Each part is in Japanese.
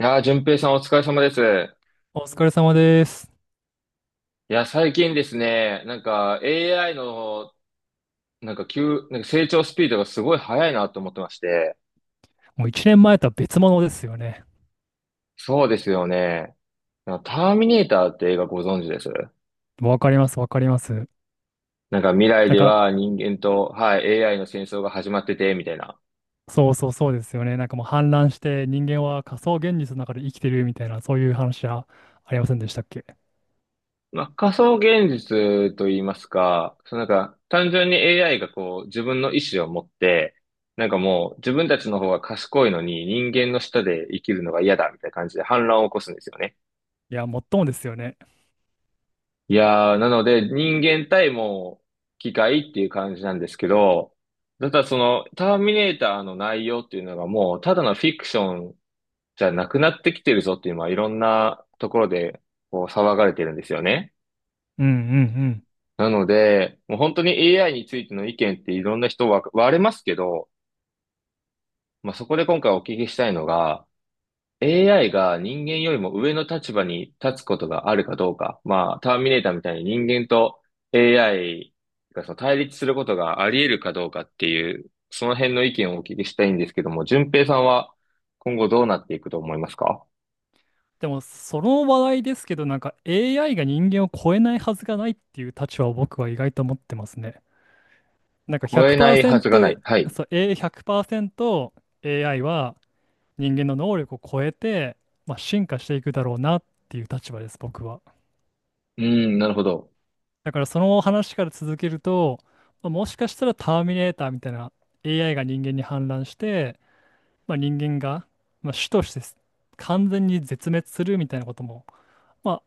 いやー、淳平さんお疲れ様です。お疲れ様です。いや、最近ですね、AI の、なんか急、なんか成長スピードがすごい速いなと思ってまして。もう1年前とは別物ですよね。そうですよね。ターミネーターって映画ご存知です？わかります、わかります。未来なんでか、は人間と、はい、AI の戦争が始まってて、みたいな。そうそうそうですよね。なんかもう氾濫して人間は仮想現実の中で生きてるみたいな、そういう話はありませんでしたっけ？まあ、仮想現実と言いますか、その単純に AI がこう自分の意思を持って、もう自分たちの方が賢いのに人間の下で生きるのが嫌だみたいな感じで反乱を起こすんですよね。いや、もっともですよね。いやー、なので人間対もう機械っていう感じなんですけど、ただそのターミネーターの内容っていうのがもうただのフィクションじゃなくなってきてるぞっていうのはいろんなところでこう騒がれてるんですよね。うんうんうん。なので、もう本当に AI についての意見っていろんな人は割れますけど、まあ、そこで今回お聞きしたいのが、AI が人間よりも上の立場に立つことがあるかどうか。まあ、ターミネーターみたいに人間と AI がその対立することがあり得るかどうかっていう、その辺の意見をお聞きしたいんですけども、順平さんは今後どうなっていくと思いますか？でも、その話題ですけど、なんか AI が人間を超えないはずがないっていう立場を僕は意外と持ってますね。なんか超えないはずが100%、ない。はい。そう、A100% AI は人間の能力を超えて、まあ、進化していくだろうなっていう立場です、僕は。うん、なるほど。だからその話から続けると、まあ、もしかしたらターミネーターみたいな AI が人間に反乱して、まあ、人間が、まあ、種として完全に絶滅するみたいなことも、ま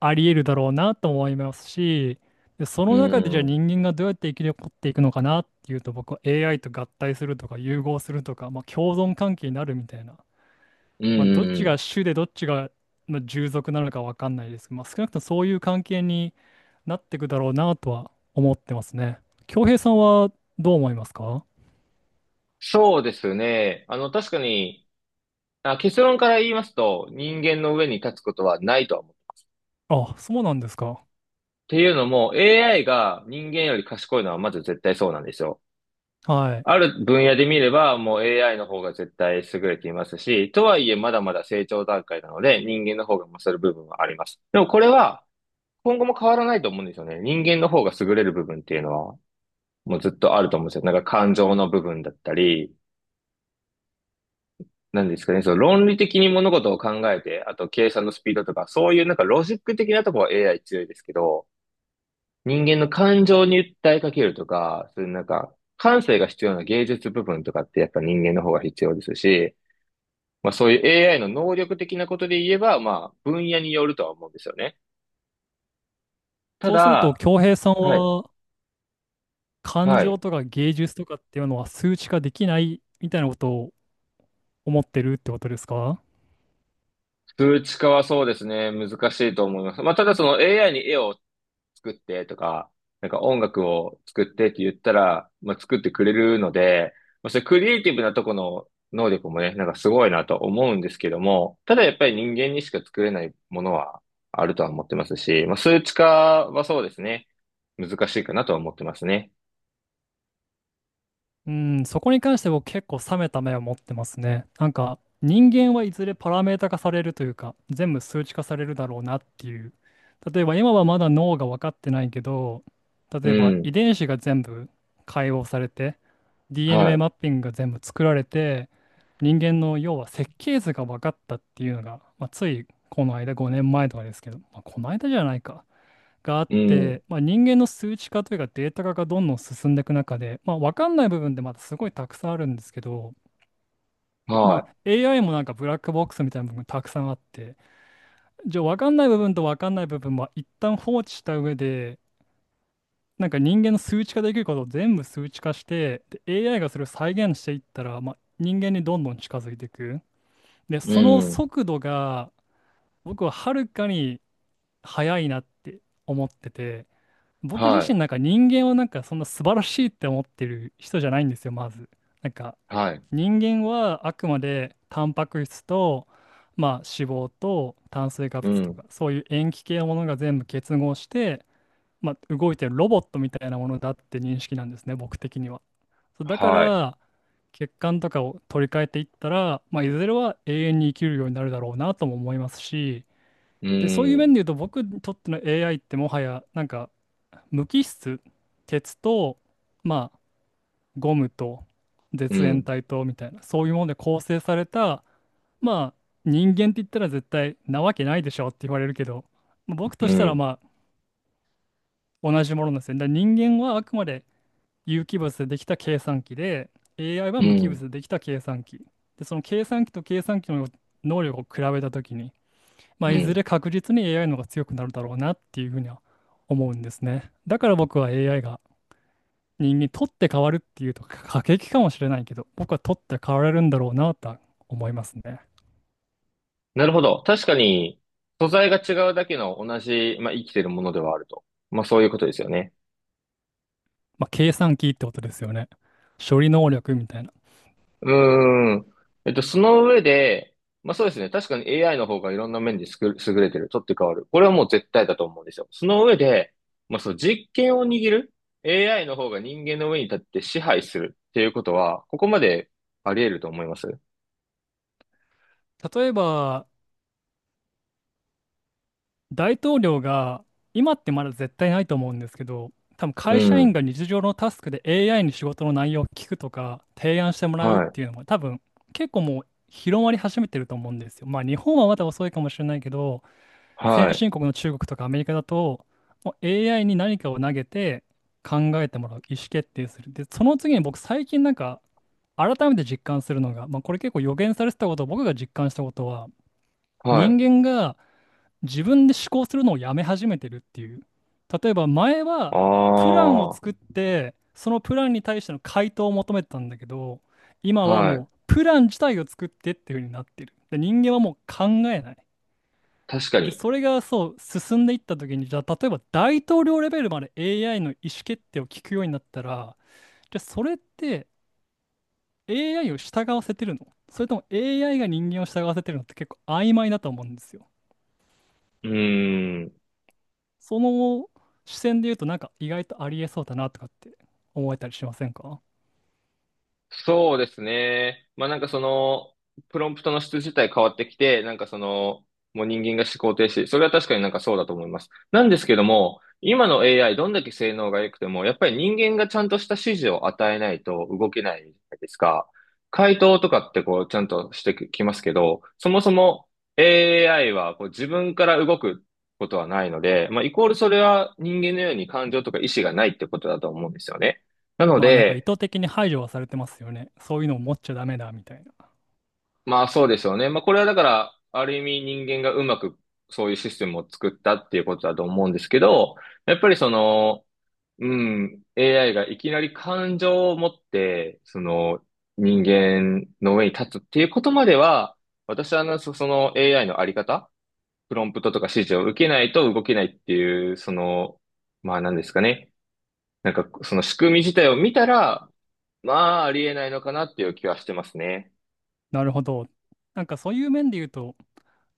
あ、あり得るだろうなと思いますし、で、そうの中ん、うでじゃん、あうん。人間がどうやって生き残っていくのかなっていうと僕は AI と合体するとか融合するとか、まあ、共存関係になるみたいな、うまあ、どっちん。が主でどっちが、まあ、従属なのかわかんないですけど、まあ、少なくともそういう関係になっていくだろうなとは思ってますね。恭平さんはどう思いますか？そうですね。あの、確かに、あ、結論から言いますと、人間の上に立つことはないとは思う。あ、そうなんですか。っていうのも AI が人間より賢いのはまず絶対そうなんですよ。はい。ある分野で見ればもう AI の方が絶対優れていますし、とはいえまだまだ成長段階なので人間の方が勝る部分はあります。でもこれは今後も変わらないと思うんですよね。人間の方が優れる部分っていうのはもうずっとあると思うんですよ。感情の部分だったり、なんですかね、その論理的に物事を考えて、あと計算のスピードとか、そういうロジック的なところは AI 強いですけど、人間の感情に訴えかけるとか、そういう、感性が必要な芸術部分とかってやっぱ人間の方が必要ですし、まあそういう AI の能力的なことで言えば、まあ分野によるとは思うんですよね。たそうすると、だ、恭平さんはい、は感は情い。とか芸術とかっていうのは数値化できないみたいなことを思ってるってことですか？数値化はそうですね、難しいと思います。まあただその AI に絵を作ってとか、音楽を作ってって言ったら、まあ、作ってくれるので、まあ、それクリエイティブなとこの能力もね、すごいなと思うんですけども、ただやっぱり人間にしか作れないものはあるとは思ってますし、まあ、数値化はそうですね、難しいかなとは思ってますね。うん、そこに関して僕結構冷めた目を持ってますね。なんか人間はいずれパラメータ化されるというか全部数値化されるだろうなっていう。例えば今はまだ脳が分かってないけど、う例えば遺ん。伝子が全部解放されて は DNA い。マッピングが全部作られて人間の要は設計図が分かったっていうのが、まあ、ついこの間5年前とかですけど、まあ、この間じゃないか。があっうん。て、まあ、人間の数値化というかデータ化がどんどん進んでいく中で、まあ、分かんない部分でまだすごいたくさんあるんですけど、まはあ、AI もなんかブラックボックスみたいな部分たくさんあって、じゃあ分かんない部分と分かんない部分は一旦放置した上でなんか人間の数値化できることを全部数値化してで AI がそれを再現していったら、まあ、人間にどんどん近づいていく。でい。うそのん。速度が僕ははるかに速いなって思ってて。僕自は身なんか人間をなんかそんな素晴らしいって思ってる人じゃないんですよ、まず。なんかい。はい。人間はあくまでタンパク質と、まあ、脂肪と炭水化う物とん。かそういう塩基系のものが全部結合して、まあ、動いてるロボットみたいなものだって認識なんですね、僕的には。そうだかはい。ら血管とかを取り替えていったら、まあ、いずれは永遠に生きるようになるだろうなとも思いますし、うで、そういう面でん。言うと僕にとっての AI ってもはやなんか無機質、鉄と、まあ、ゴムとう絶縁ん。体とみたいな、そういうもので構成された、まあ、人間って言ったら絶対なわけないでしょって言われるけど、まあ僕うとしたらん。まあ、同じものなんですよね。だから人間はあくまで有機物でできた計算機で、AI はう無機物ん。でできた計算機。で、その計算機と計算機の能力を比べたときに、まうあ、いずん。れ確実に AI の方が強くなるだろうなっていうふうには思うんですね。だから僕は AI が人間、取って変わるっていうと 過激かもしれないけど、僕は取って変われるんだろうなとは思いますね。なるほど。確かに、素材が違うだけの同じ、まあ、生きてるものではあると。まあ、そういうことですよね。まあ、計算機ってことですよね。処理能力みたいな。うーん。えっと、その上で、まあ、そうですね。確かに AI の方がいろんな面ですく優れてる。取って代わる。これはもう絶対だと思うんですよ。その上で、まあ、そう、実権を握る AI の方が人間の上に立って支配するっていうことは、ここまであり得ると思います。例えば、大統領が、今ってまだ絶対ないと思うんですけど、多分う会社員ん。が日常のタスクで AI に仕事の内容を聞くとか、提案してもらうっはい。ていうのも、多分結構もう広まり始めてると思うんですよ。まあ、日本はまだ遅いかもしれないけど、は先い。進国の中国とかアメリカだと、もう AI に何かを投げて考えてもらう、意思決定する。で、その次に僕最近なんか改めて実感するのが、まあ、これ結構予言されてたこと、僕が実感したことは、は人い。間が自分で思考するのをやめ始めてるっていう。例えば前あはプランを作っあ。て、そのプランに対しての回答を求めてたんだけど、今ははい。もうプラン自体を作ってっていう風になってる。で、人間はもう考えない。確かで、に。それがそう、進んでいった時に、じゃあ、例えば大統領レベルまで AI の意思決定を聞くようになったら、じゃあ、それって AI を従わせてるのそれとも AI が人間を従わせてるのって結構曖昧だと思うんですよ。うーん。その視線で言うと、なんか意外とありえそうだなとかって思えたりしませんか？そうですね。まあその、プロンプトの質自体変わってきて、その、もう人間が思考停止。それは確かにそうだと思います。なんですけども、今の AI どんだけ性能が良くても、やっぱり人間がちゃんとした指示を与えないと動けないじゃないですか。回答とかってこうちゃんとしてきますけど、そもそも AI はこう自分から動くことはないので、まあイコールそれは人間のように感情とか意思がないってことだと思うんですよね。なのまあなんか意で、図的に排除はされてますよね。そういうのを持っちゃダメだみたいな。まあそうでしょうね。まあこれはだから、ある意味人間がうまくそういうシステムを作ったっていうことだと思うんですけど、やっぱりその、うん、AI がいきなり感情を持って、その人間の上に立つっていうことまでは、私はあのの AI のあり方、プロンプトとか指示を受けないと動けないっていう、その、まあ何ですかね。その仕組み自体を見たら、まあありえないのかなっていう気はしてますね。なるほど。なんかそういう面で言うと、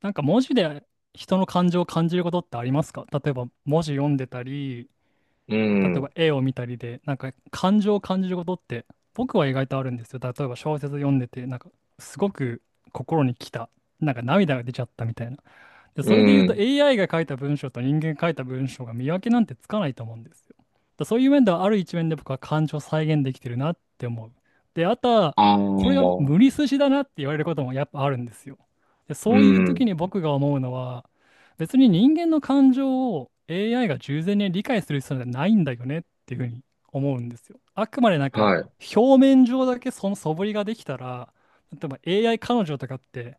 なんか文字で人の感情を感じることってありますか？例えば文字読んでたり、う例えん。ば絵を見たりで、なんか感情を感じることって僕は意外とあるんですよ。例えば小説読んでて、なんかすごく心に来た、なんか涙が出ちゃったみたいな。で、うそれで言うと ん。AI が書いた文章と人間が書いた文章が見分けなんてつかないと思うんですよ。だそういう面ではある一面で僕は感情を再現できてるなって思う。で、あとは、あこれがあ、無理筋だなって言われることもやっぱあるんですよ。で、うそういう時ん。に僕が思うのは、別に人間の感情を AI が従前に理解する必要なんてないんだよねっていうふうに思うんですよ。あくまでなんかはい。表面上だけその素振りができたら、例えば AI 彼女とかって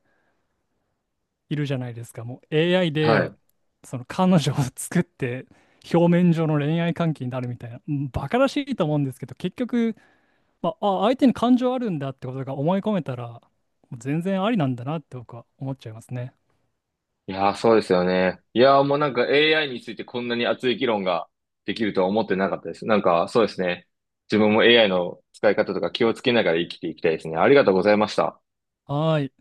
いるじゃないですか。もう AI はで、い。その彼女を作って、表面上の恋愛関係になるみたいな、うん、バカらしいと思うんですけど、結局、まあ、あ、相手に感情あるんだってことが思い込めたら、もう全然ありなんだなって僕は思っちゃいますね。いやー、そうですよね。いやー、もうAI についてこんなに熱い議論ができるとは思ってなかったです。なんか、そうですね。自分も AI の使い方とか気をつけながら生きていきたいですね。ありがとうございました。はーい。